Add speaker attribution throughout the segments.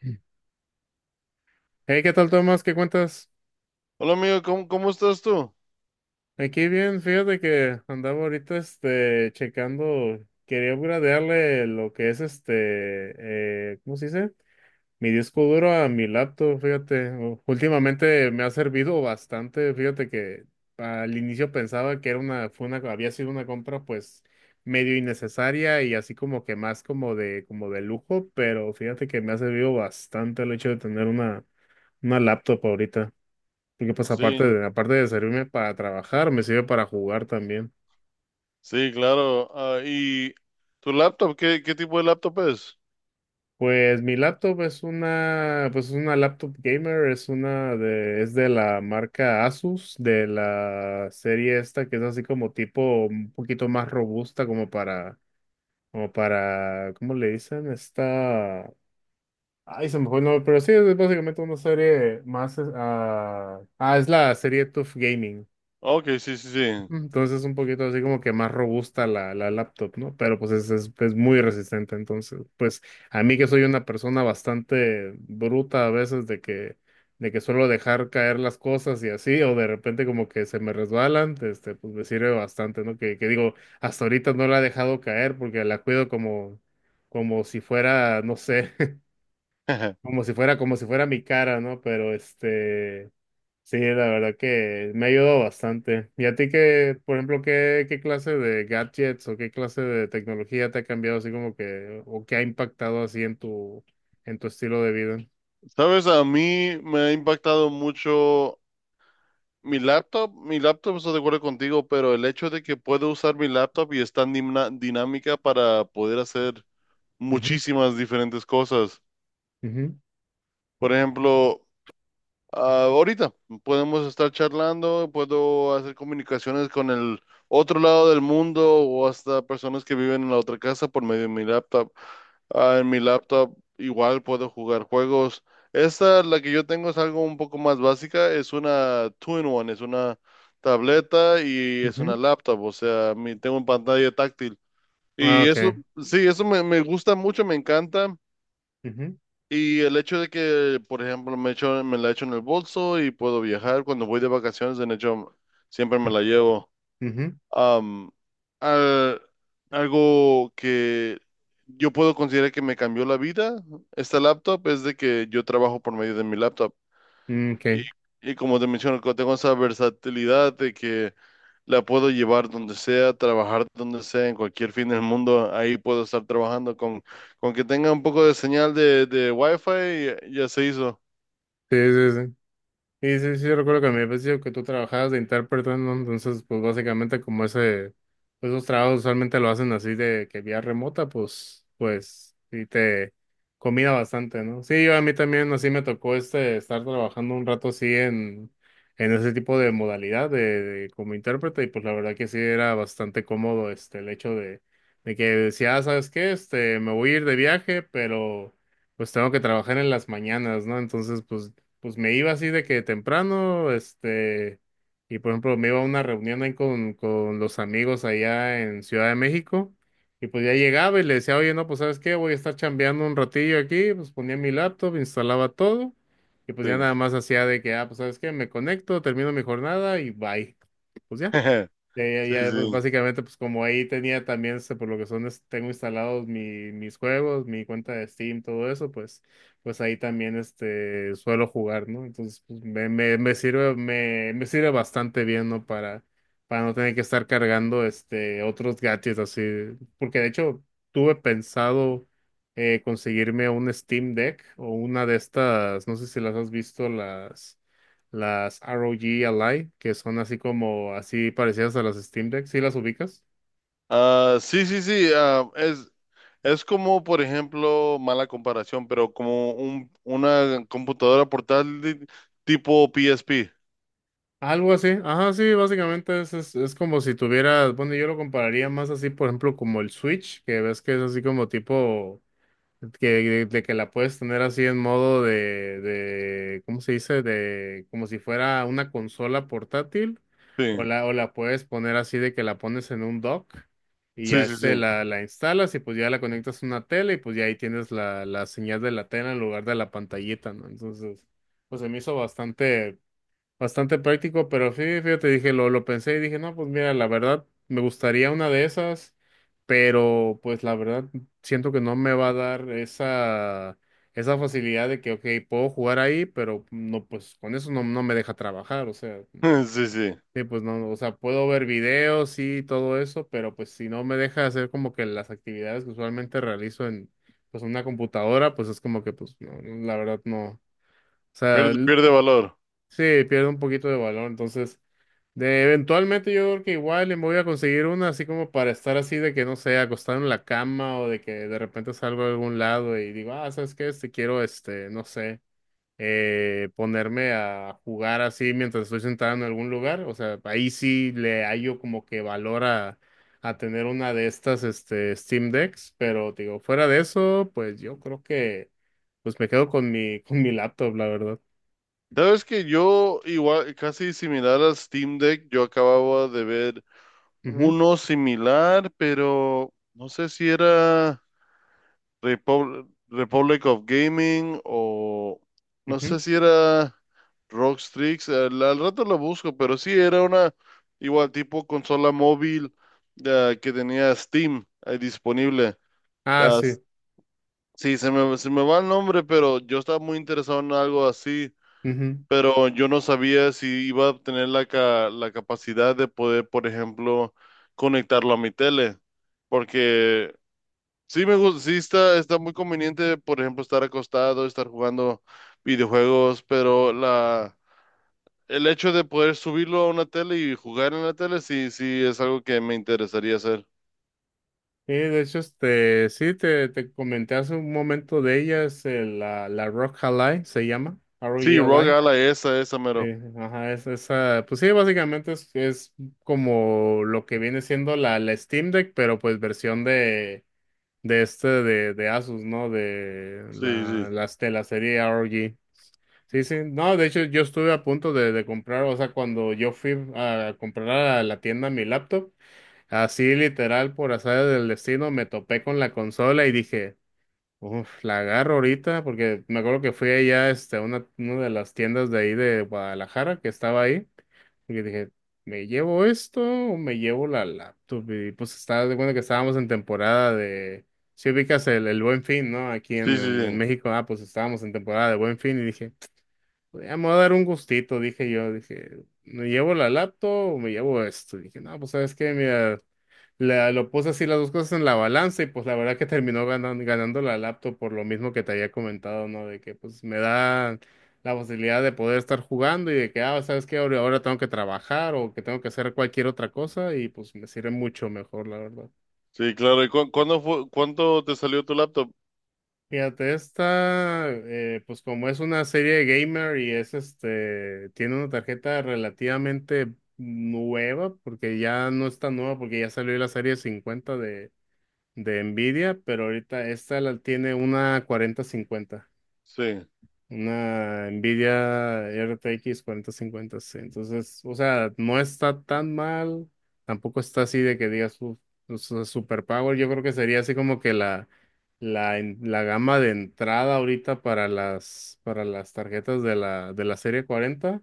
Speaker 1: Hey, ¿qué tal, Tomás? ¿Qué cuentas?
Speaker 2: Hola amigo, ¿cómo estás tú?
Speaker 1: Aquí bien, fíjate que andaba ahorita este checando, quería upgradearle lo que es este, ¿cómo se dice? Mi disco duro a mi laptop, fíjate. Últimamente me ha servido bastante, fíjate que al inicio pensaba que era una, fue una, había sido una compra pues medio innecesaria y así como que más como de lujo, pero fíjate que me ha servido bastante el hecho de tener una laptop ahorita. Porque pues
Speaker 2: Sí,
Speaker 1: aparte de servirme para trabajar, me sirve para jugar también.
Speaker 2: sí, claro. Ah, ¿y tu laptop? ¿Qué tipo de laptop es?
Speaker 1: Pues mi laptop es una, pues es una laptop gamer, es una de, es de la marca Asus, de la serie esta que es así como tipo un poquito más robusta como para, ¿cómo le dicen? Esta, ay, se me fue el nombre, pero sí, es básicamente una serie más, es la serie TUF Gaming.
Speaker 2: Ok, sí, sí, sí.
Speaker 1: Entonces es un poquito así como que más robusta la laptop, ¿no? Pero pues es muy resistente. Entonces, pues a mí que soy una persona bastante bruta a veces de que suelo dejar caer las cosas y así, o de repente como que se me resbalan, este, pues me sirve bastante, ¿no? Que digo, hasta ahorita no la he dejado caer porque la cuido como, como si fuera, no sé, como si fuera mi cara, ¿no? Pero este... Sí, la verdad que me ha ayudado bastante. ¿Y a ti qué, por ejemplo, qué, clase de gadgets o qué clase de tecnología te ha cambiado así como que, o qué ha impactado así en tu estilo de vida?
Speaker 2: Sabes, a mí me ha impactado mucho mi laptop. Mi laptop, estoy de acuerdo contigo, pero el hecho de que puedo usar mi laptop y es tan dinámica para poder hacer
Speaker 1: Ujú,
Speaker 2: muchísimas diferentes cosas.
Speaker 1: ujú,
Speaker 2: Por ejemplo, ahorita podemos estar charlando, puedo hacer comunicaciones con el otro lado del mundo o hasta personas que viven en la otra casa por medio de mi laptop. Ah, en mi laptop igual puedo jugar juegos. Esta, la que yo tengo, es algo un poco más básica. Es una two-in-one, es una tableta y es una
Speaker 1: ujú.
Speaker 2: laptop. O sea, tengo una pantalla táctil.
Speaker 1: Ah,
Speaker 2: Y eso,
Speaker 1: ok.
Speaker 2: sí, eso me gusta mucho, me encanta.
Speaker 1: Ujú,
Speaker 2: Y el hecho de que, por ejemplo, me echo, me la echo en el bolso y puedo viajar cuando voy de vacaciones, de hecho, siempre me
Speaker 1: ujú,
Speaker 2: la llevo.
Speaker 1: ujú.
Speaker 2: Am, al- algo que yo puedo considerar que me cambió la vida, esta laptop, es de que yo trabajo por medio de mi laptop.
Speaker 1: Mm, ok.
Speaker 2: Y,
Speaker 1: Sí,
Speaker 2: y como te menciono, tengo esa versatilidad de que la puedo llevar donde sea, trabajar donde sea, en cualquier fin del mundo. Ahí puedo estar trabajando con que tenga un poco de señal de Wi-Fi, ya, ya se hizo.
Speaker 1: sí, sí. Sí, sí, sí, yo recuerdo que me habías dicho que tú trabajabas de intérprete, ¿no? Entonces, pues básicamente como ese, pues, esos trabajos usualmente lo hacen así de que vía remota, pues, pues, sí te combina bastante, ¿no? Sí, yo a mí también así me tocó este, estar trabajando un rato así en, ese tipo de modalidad de como intérprete, y pues la verdad que sí era bastante cómodo este, el hecho de que decía, "Ah, ¿sabes qué? Este, me voy a ir de viaje, pero pues tengo que trabajar en las mañanas, ¿no? Entonces, pues me iba así de que temprano, este, y por ejemplo me iba a una reunión ahí con los amigos allá en Ciudad de México, y pues ya llegaba y le decía, oye, no, pues ¿sabes qué? Voy a estar chambeando un ratillo aquí, pues ponía mi laptop, instalaba todo, y pues ya
Speaker 2: Sí.
Speaker 1: nada más hacía de que, ah, pues ¿sabes qué? Me conecto, termino mi jornada y bye." Pues ya. Ya, ya,
Speaker 2: Sí,
Speaker 1: ya, pues,
Speaker 2: sí.
Speaker 1: básicamente, pues como ahí tenía también, este, por lo que son, tengo instalados mis juegos, mi cuenta de Steam, todo eso, pues, pues ahí también, este, suelo jugar, ¿no? Entonces, pues, me sirve, me sirve bastante bien, ¿no? Para no tener que estar cargando, este, otros gadgets así, porque de hecho, tuve pensado conseguirme un Steam Deck o una de estas, no sé si las has visto, las ROG Ally, que son así como, así parecidas a las Steam Deck, ¿sí las ubicas?
Speaker 2: Ah, sí, sí, sí. Es como, por ejemplo, mala comparación, pero como un, una computadora portátil tipo PSP.
Speaker 1: Algo así, ajá, sí, básicamente es como si tuvieras, bueno, yo lo compararía más así, por ejemplo, como el Switch, que ves que es así como tipo, que, de que la puedes tener así en modo de, ¿cómo se dice? De, como si fuera una consola portátil,
Speaker 2: Sí,
Speaker 1: o la puedes poner así de que la pones en un dock y ya
Speaker 2: sí, sí,
Speaker 1: este
Speaker 2: sí.
Speaker 1: la instalas y pues ya la conectas a una tele y pues ya ahí tienes la señal de la tele en lugar de la pantallita, ¿no? Entonces, pues se me hizo bastante, bastante práctico, pero sí, fíjate, dije, lo pensé y dije, no, pues mira, la verdad, me gustaría una de esas, pero pues la verdad, siento que no me va a dar esa facilidad de que, ok, puedo jugar ahí, pero no, pues con eso no, no me deja trabajar, o sea, no.
Speaker 2: Sí, sí.
Speaker 1: Sí, pues no, o sea, puedo ver videos y todo eso, pero pues si no me deja hacer como que las actividades que usualmente realizo en, pues, una computadora, pues es como que, pues, no, la verdad, no. O sea,
Speaker 2: Pierde, pierde valor.
Speaker 1: sí, pierde un poquito de valor, entonces de eventualmente yo creo que igual le voy a conseguir una así como para estar así de que no sé, acostado en la cama o de que de repente salgo a algún lado y digo, ah, ¿sabes qué? Este quiero este, no sé, ponerme a jugar así mientras estoy sentado en algún lugar, o sea, ahí sí le hallo como que valor a, tener una de estas este Steam Decks, pero digo, fuera de eso, pues yo creo que pues me quedo con mi con mi laptop, la verdad.
Speaker 2: Sabes que yo, igual, casi similar a Steam Deck, yo acababa de ver
Speaker 1: Ujú,
Speaker 2: uno similar, pero no sé si era Republic of Gaming o no sé
Speaker 1: ujú.
Speaker 2: si era Rockstrix. Al rato lo busco, pero sí era una igual tipo consola móvil que tenía Steam ahí disponible.
Speaker 1: Ah, sí.
Speaker 2: Las- sí, se me va el nombre, pero yo estaba muy interesado en algo así,
Speaker 1: Ujú.
Speaker 2: pero yo no sabía si iba a tener la capacidad de poder, por ejemplo, conectarlo a mi tele, porque sí me gusta, sí está, está muy conveniente, por ejemplo, estar acostado, estar jugando videojuegos, pero el hecho de poder subirlo a una tele y jugar en la tele, sí, sí es algo que me interesaría hacer.
Speaker 1: Sí, de hecho, este, sí, te comenté hace un momento de ellas, la Rock Ally se llama,
Speaker 2: Sí, Rogue
Speaker 1: R-O-E-L-I.
Speaker 2: Ally, esa,
Speaker 1: Sí,
Speaker 2: mero.
Speaker 1: ajá, es, esa, pues sí, básicamente es como lo que viene siendo la Steam Deck, pero pues versión de este, de, de, Asus, ¿no?
Speaker 2: Sí, sí,
Speaker 1: Las de la serie ROG. Sí, sí, no, de hecho yo estuve a punto de comprar, o sea, cuando yo fui a comprar a la tienda mi laptop, así literal, por azar del destino, me topé con la consola y dije, uff, la agarro ahorita, porque me acuerdo que fui allá este, a una de las tiendas de ahí de Guadalajara que estaba ahí, y dije, ¿me llevo esto o me llevo la laptop? Y pues estaba de cuenta que estábamos en temporada de, si ubicas el Buen Fin, ¿no? Aquí
Speaker 2: sí,
Speaker 1: en,
Speaker 2: sí,
Speaker 1: en
Speaker 2: sí,
Speaker 1: México, ah, pues estábamos en temporada de Buen Fin y dije, "Pues, ya me voy a dar un gustito", dije yo, dije, ¿me llevo la laptop o me llevo esto? Dije, no, pues sabes qué, mira. Lo puse así las dos cosas en la balanza y pues la verdad que terminó ganando la laptop por lo mismo que te había comentado, ¿no? De que pues me da la facilidad de poder estar jugando y de que, ah, ¿sabes qué? Ahora, ahora tengo que trabajar o que tengo que hacer cualquier otra cosa y pues me sirve mucho mejor, la verdad.
Speaker 2: sí, claro. ¿Y cuándo fue, cuánto te salió tu laptop?
Speaker 1: Fíjate, esta, pues como es una serie de gamer y es este, tiene una tarjeta relativamente nueva, porque ya no es tan nueva, porque ya salió la serie 50 de Nvidia, pero ahorita esta la tiene una 4050,
Speaker 2: Sí,
Speaker 1: una Nvidia RTX 4050, sí. Entonces, o sea, no está tan mal, tampoco está así de que digas su, super power. Yo creo que sería así como que la gama de entrada ahorita para las tarjetas de la serie 40,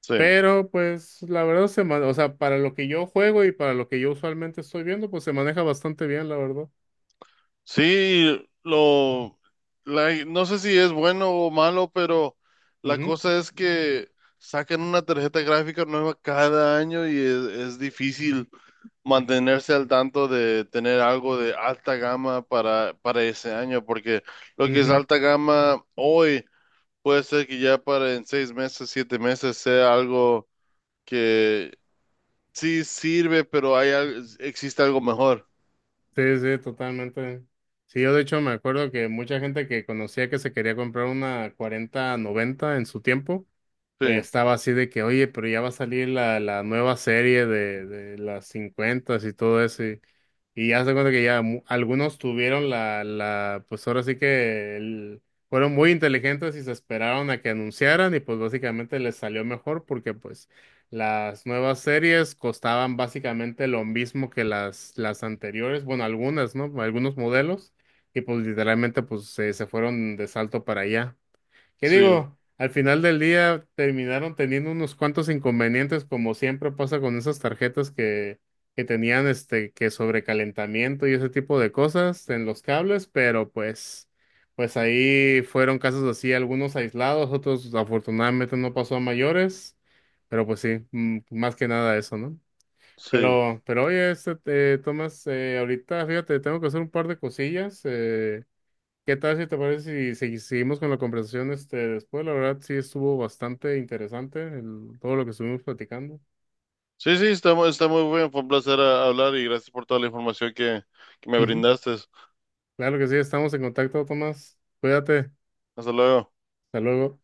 Speaker 2: sí.
Speaker 1: pero pues la verdad o sea, para lo que yo juego y para lo que yo usualmente estoy viendo, pues se maneja bastante bien, la verdad.
Speaker 2: Sí, no sé si es bueno o malo, pero la
Speaker 1: Ujú.
Speaker 2: cosa es que sacan una tarjeta gráfica nueva cada año y es difícil mantenerse al tanto de tener algo de alta gama para ese año, porque lo que es
Speaker 1: Ujú.
Speaker 2: alta gama hoy puede ser que ya para en 6 meses, 7 meses sea algo que sí sirve, pero existe algo mejor.
Speaker 1: Sí, sí, totalmente. Sí, yo de hecho me acuerdo que mucha gente que conocía que se quería comprar una 4090 en su tiempo,
Speaker 2: Sí,
Speaker 1: estaba así de que, oye, pero ya va a salir la nueva serie de, las 50 y todo eso. Y ya se cuenta que ya algunos tuvieron la, pues ahora sí que fueron muy inteligentes y se esperaron a que anunciaran y pues básicamente les salió mejor porque pues las nuevas series costaban básicamente lo mismo que las anteriores, bueno, algunas, ¿no? Algunos modelos y pues literalmente pues se fueron de salto para allá. ¿Qué
Speaker 2: sí,
Speaker 1: digo? Al final del día terminaron teniendo unos cuantos inconvenientes, como siempre pasa con esas tarjetas que tenían este, que sobrecalentamiento y ese tipo de cosas en los cables, pero pues, pues ahí fueron casos así, algunos aislados, otros afortunadamente no pasó a mayores, pero pues sí, más que nada eso, ¿no?
Speaker 2: sí.
Speaker 1: Pero oye, este, Tomás, ahorita, fíjate, tengo que hacer un par de cosillas. ¿Qué tal si te parece si, seguimos con la conversación este, después? La verdad sí estuvo bastante interesante todo lo que estuvimos platicando.
Speaker 2: Sí, sí, está, está muy bien. Fue un placer hablar y gracias por toda la información que me
Speaker 1: Ujú.
Speaker 2: brindaste.
Speaker 1: Claro que sí, estamos en contacto, Tomás. Cuídate.
Speaker 2: Hasta luego.
Speaker 1: Hasta luego.